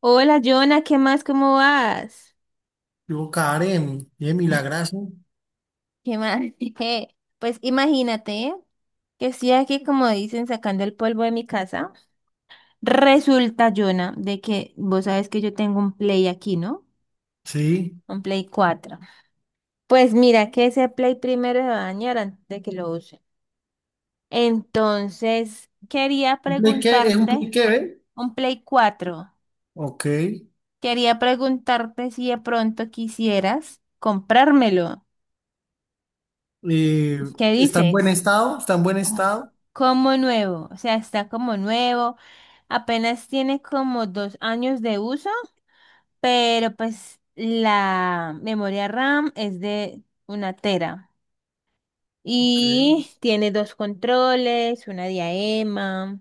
Hola, Jonah, ¿qué más? ¿Cómo vas? Yo, Karen, bien, milagrazo. ¿Qué más? Pues imagínate que estoy aquí, como dicen, sacando el polvo de mi casa. Resulta, Jonah, de que vos sabes que yo tengo un Play aquí, ¿no? Sí. Un Play 4. Pues mira que ese Play primero se va a dañar antes de que lo use. Entonces, quería ¿Un Play que, ¿es un Play preguntarte, que ve? un Play 4. Ok. Quería preguntarte si de pronto quisieras comprármelo. Eh, ¿Qué ¿Está en buen dices? estado? ¿Está en buen Oh. estado? Como nuevo, o sea, está como nuevo, apenas tiene como 2 años de uso, pero pues la memoria RAM es de una tera Ok. y tiene dos controles, una diadema,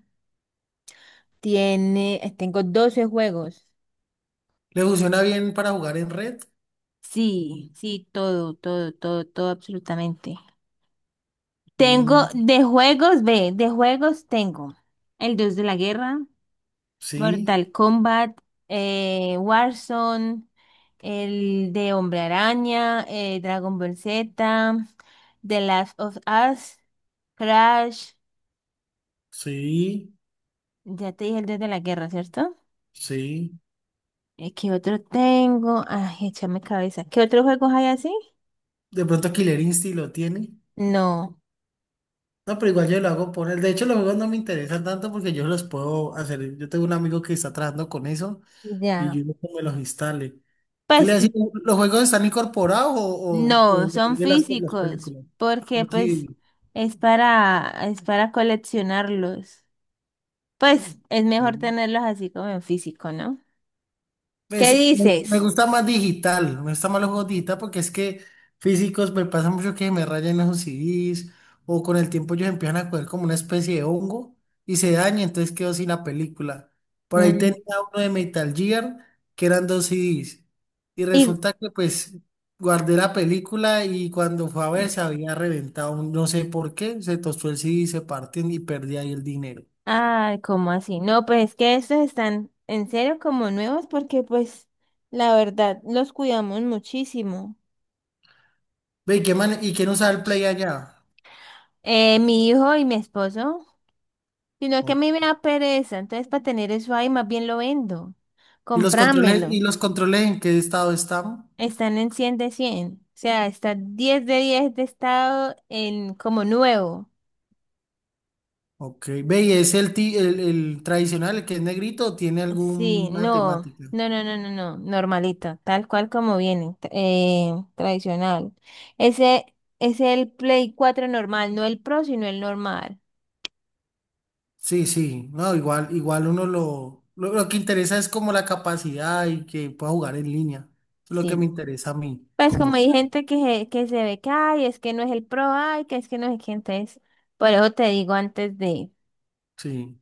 tengo 12 juegos. ¿Le funciona bien para jugar en red? Sí, sí, todo, todo, todo, todo, absolutamente. Tengo Mm, de juegos, ve, de juegos tengo el Dios de la Guerra. sí, Mortal Kombat, Warzone, el de Hombre Araña, Dragon Ball Z, The Last of Us, Crash, sí, ya te dije el Dios de la Guerra, ¿cierto? sí. ¿Qué otro tengo? Ay, échame cabeza. ¿Qué otros juegos hay así? De pronto Killer Instinct lo tiene. No, No, pero igual yo lo hago por él. De hecho, los juegos no me interesan tanto porque yo los puedo hacer. Yo tengo un amigo que está trabajando con eso y ya. yo digo que me los instale. ¿Qué le Pues decía? ¿Los juegos están incorporados o, o, no, o son de las físicos, películas? porque pues Sí, es para coleccionarlos. Pues es mejor sí. tenerlos así como en físico, ¿no? ¿Qué Pues, me dices? gusta más digital, me gusta más los juegos digital porque es que físicos me pasa mucho que me rayan esos CDs o con el tiempo ellos empiezan a coger como una especie de hongo y se daña, entonces quedo sin la película. Por ahí Mm. tenía uno de Metal Gear que eran dos CDs y Y, resulta que pues guardé la película y cuando fue a ver se había reventado, no sé por qué, se tostó el CD, se partió y perdí ahí el dinero. ah, ¿cómo así? No, pues es que estos están en serio como nuevos porque pues la verdad los cuidamos muchísimo. Ve, ¿y qué man y quién usaba el Play allá? Mi hijo y mi esposo, sino que a Ok. mí me da pereza, entonces para tener eso ahí más bien lo vendo. ¿Y los controles, Comprámelo. En qué estado están? Están en 100 de 100, o sea, está 10 de estado en como nuevo. Ok. Ve, ¿y es el, el tradicional, el que es negrito, o tiene Sí, alguna no, temática? no, no, no, no, no, normalito, tal cual como viene, tradicional. Ese es el Play 4 normal, no el Pro, sino el normal. Sí, sí. No, igual, igual uno lo que interesa es como la capacidad y que pueda jugar en línea. Eso es lo que me Sí. interesa a mí, Pues como como hay tal. gente que se, ve que, ay, es que no es el Pro, ay, que es que no es que entonces, por eso te digo antes de, Sí.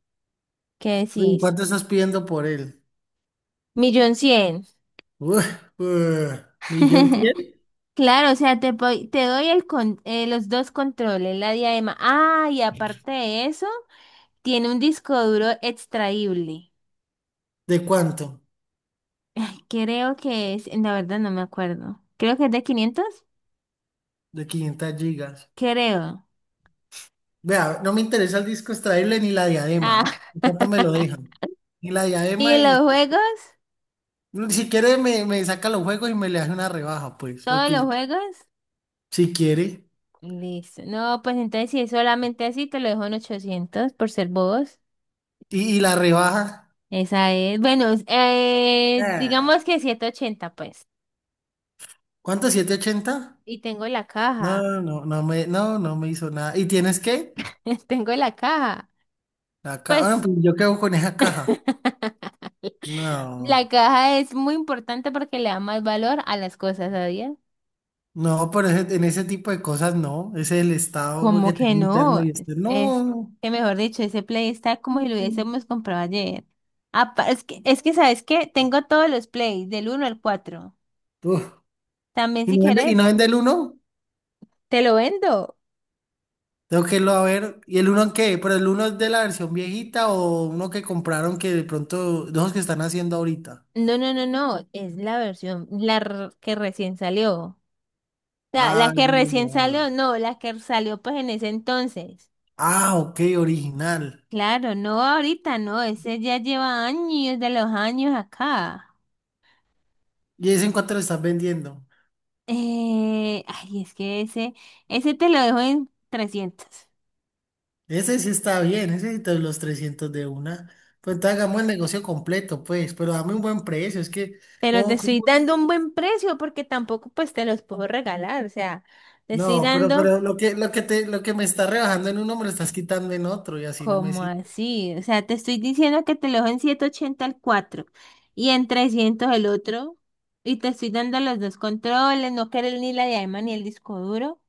¿qué Ve, ¿y decís? cuánto estás pidiendo por él? Millón cien. Uf, uf, ¿millón cien? Claro, o sea, te doy los dos controles, la diadema. Ah, y aparte de eso, tiene un disco duro extraíble. ¿De cuánto? Creo que es, la verdad no me acuerdo. Creo que es de 500. De 500 gigas. Creo. Vea, no me interesa el disco extraíble ni la diadema. Ah. ¿Cuánto me lo dejan? Ni la ¿Y diadema y los juegos? si quiere me, me saca los juegos y me le hace una rebaja, pues, ¿Todos los porque juegos? si quiere. Listo. No, pues entonces si es solamente así, te lo dejo en 800 por ser bobos. Y la rebaja. Esa es. Bueno, Ah, digamos que 180 pues. ¿cuánto? ¿Siete ochenta? Y tengo la caja. No, no me hizo nada. ¿Y tienes qué? Tengo la caja. Ah, no, Pues. pues yo quedo con esa caja. La No, caja es muy importante porque le da más valor a las cosas, ¿sabías? no, pero en ese tipo de cosas no. Ese es el estado pues, ¿Cómo que que tengo interno no? y Es externo. que mejor dicho, ese play está como si lo No. hubiésemos comprado ayer. Es que, ¿sabes qué? Tengo todos los plays, del uno al cuatro. Uf, También ¿y si no vende, querés, el uno? te lo vendo. Tengo que irlo a ver. ¿Y el uno en qué? ¿Pero el uno es de la versión viejita o uno que compraron que de pronto, de esos que están haciendo ahorita? No, no, no, no, es la versión, que recién salió. O sea, Ah, la es que de los de recién ahora. salió, no, la que salió pues en ese entonces. Ah, ok, original. Claro, no ahorita, no, ese ya lleva años de los años acá. ¿Y ese en cuánto lo estás vendiendo? Es que ese te lo dejo en 300. Ese sí está bien, ese sí te doy los 300 de una. Pues entonces hagamos el negocio completo, pues, pero dame un buen precio, es que, Pero te ¿cómo, cómo? estoy dando un buen precio porque tampoco pues te los puedo regalar. O sea, te estoy No, dando pero lo que me está rebajando en uno me lo estás quitando en otro y así no me como sirve. así. O sea, te estoy diciendo que te lo dejo en 180 el 4 y en 300 el otro. Y te estoy dando los dos controles, no querés ni la diadema ni el disco duro.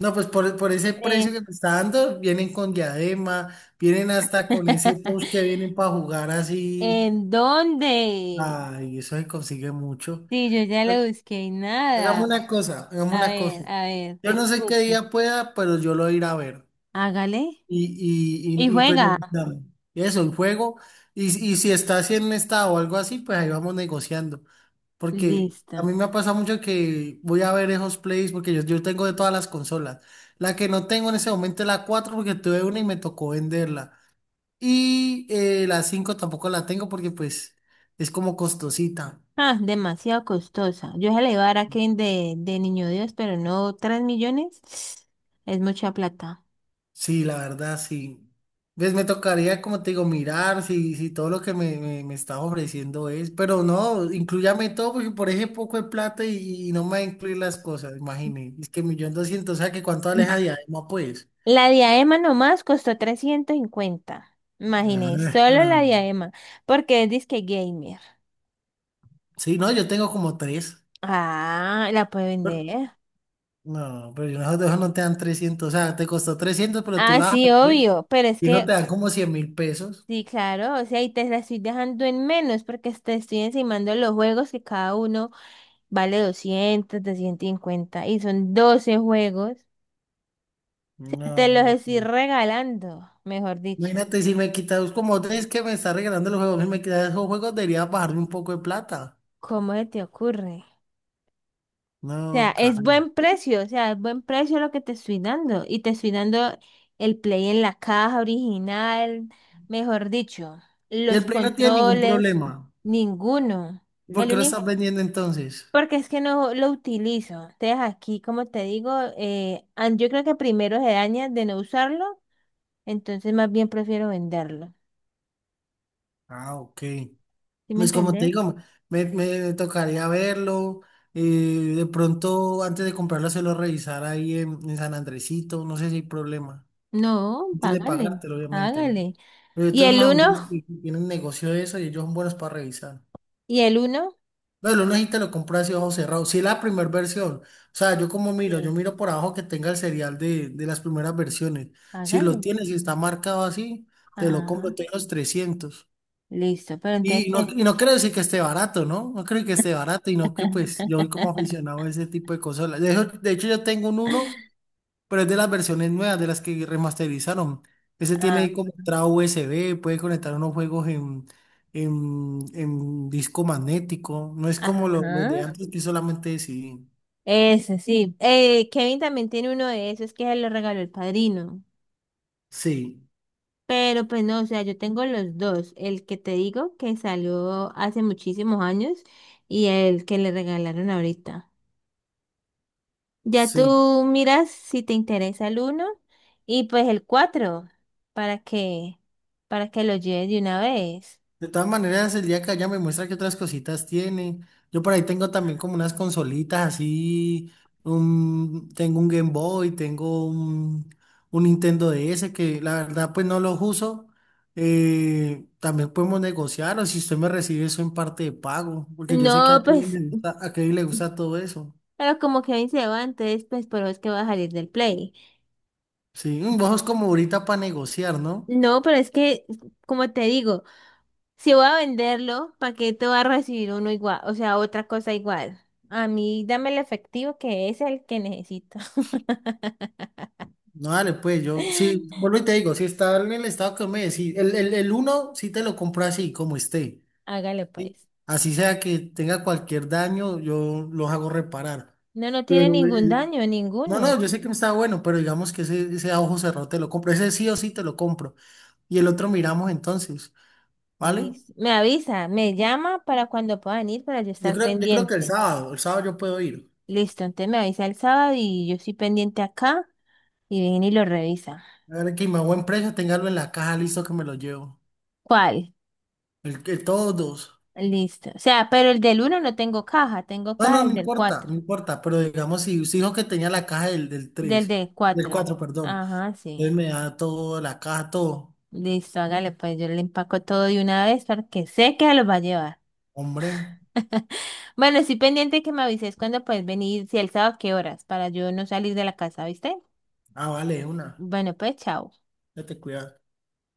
No, pues por ese Eh. precio que me está dando, vienen con diadema, vienen hasta con ese post que vienen para jugar así. ¿En dónde? Ay, eso se consigue mucho. Sí, yo ya Ha- lo busqué y Hagamos nada. una cosa, hagamos una cosa. A ver, Yo no sé qué escuche. día pueda, pero yo lo iré a ver. Hágale Y, y y, y, y pues juega. negociamos. Eso, el juego. Y, y si está así en estado o algo así, pues ahí vamos negociando. Porque a Listo. mí me ha pasado mucho que voy a ver esos plays porque yo tengo de todas las consolas. La que no tengo en ese momento es la 4 porque tuve una y me tocó venderla. Y la 5 tampoco la tengo porque pues es como costosita. Ah, demasiado costosa. Yo se la iba a dar a Kevin de Niño Dios, pero no, 3 millones es mucha plata. Sí, la verdad, sí. ¿Ves? Me tocaría, como te digo, mirar si, si todo lo que me está ofreciendo es. Pero no, incluyame todo porque por ese poco de plata y no me va a incluir las cosas, imagínate. Es que millón doscientos, o sea que cuánto aleja de Adema, pues. La diadema nomás costó 350. Imagínese, solo Ajá. la diadema, porque es disque gamer. Sí, no, yo tengo como tres. Ah, la puede Pero- vender. no, pero yo nosotros no te dan trescientos. O sea, te costó 300, pero tú Ah, la vas a sí, hacer. obvio, pero es Y eso que, te dan como $100.000. sí, claro, o sea, y te la estoy dejando en menos porque te estoy encimando los juegos que cada uno vale 200, 250 y son 12 juegos. Te los No. estoy regalando, mejor dicho. Imagínate si me quitas, como tres que me está regalando los juegos, si me quitas esos juegos, debería bajarme un poco de plata. ¿Cómo se te ocurre? O sea, No, es caro. buen precio, o sea, es buen precio lo que te estoy dando. Y te estoy dando el play en la caja original, mejor dicho, Y los el Play no tiene ningún controles, problema. ninguno. ¿Y por El qué lo único, estás vendiendo entonces? porque es que no lo utilizo. Entonces aquí, como te digo, yo creo que primero se daña de no usarlo, entonces más bien prefiero venderlo. Ah, ok. ¿Sí me Pues como te entendés? digo, me tocaría verlo. De pronto, antes de comprarlo, se lo revisar ahí en San Andresito. No sé si hay problema. No, Antes de págale, pagártelo, obviamente, ¿no? hágale. Pero yo ¿Y tengo el unos uno? amigos que tienen negocio de eso y ellos son buenos para revisar. ¿Y el uno? No, lo necesita lo compra así ojo cerrado. Si es la primera versión. O sea, yo como miro, yo Sí, miro por abajo que tenga el serial de las primeras versiones. Si lo hágale. tienes, si está marcado así, te lo compro, Ajá, tengo los 300. listo, pero entonces... ¿qué? Y no creo decir que esté barato, ¿no? No creo que esté barato y no que pues yo soy como aficionado a ese tipo de consolas. De hecho, yo tengo un uno, pero es de las versiones nuevas, de las que remasterizaron. Ese tiene Ah, como entrada USB, puede conectar unos juegos en, en disco magnético. No es como los de ajá, antes que solamente sí. ese sí. Kevin también tiene uno de esos que se lo regaló el padrino. Sí, Pero pues no, o sea, yo tengo los dos. El que te digo que salió hace muchísimos años y el que le regalaron ahorita. Ya sí. tú miras si te interesa el uno y pues el cuatro para que para que lo lleves de una vez. De todas maneras, el día que allá me muestra qué otras cositas tiene. Yo por ahí tengo también como unas consolitas así. Tengo un Game Boy, tengo un Nintendo DS que la verdad pues no los uso. También podemos negociar o si usted me recibe eso en parte de pago, porque yo sé que No, a Kevin pues, le gusta, a Kevin le gusta todo eso. pero como que ahí se va, entonces, pues, por eso es que va a salir del Play. Sí, mm, vos sos como ahorita para negociar, ¿no? No, pero es que, como te digo, si voy a venderlo, ¿para qué te va a recibir uno igual? O sea, otra cosa igual. A mí, dame el efectivo que es el que necesito. No, dale, pues yo, sí, vuelvo y te digo, si está en el estado que me decís, el uno sí te lo compro así, como esté. Hágale, ¿Sí? pues. Así sea que tenga cualquier daño, yo los hago reparar. No, no tiene Pero, ningún daño, no, ninguno. no, yo sé que no está bueno, pero digamos que ese a ojo cerrado te lo compro. Ese sí o sí te lo compro. Y el otro miramos entonces, ¿vale? Listo. Me avisa, me llama para cuando puedan ir, para yo estar Yo creo que pendiente. El sábado yo puedo ir. Listo, entonces me avisa el sábado y yo estoy pendiente acá y viene y lo revisa. A ver que me a buen precio, téngalo en la caja, listo que me lo llevo. ¿Cuál? Todos dos. Listo. O sea, pero el del uno no tengo caja, tengo No, caja no no del importa, no cuatro. importa, pero digamos, si usted dijo que tenía la caja del, del Del 3 del del 4. 4 perdón, Ajá, entonces sí. me da todo, la caja, todo. Listo, hágale, pues yo le empaco todo de una vez porque sé que se los va a llevar. Hombre, Bueno, estoy pendiente que me avises cuando puedes venir, si el sábado, qué horas, para yo no salir de la casa, ¿viste? ah, vale, una. Bueno, pues chao. Date cuidado.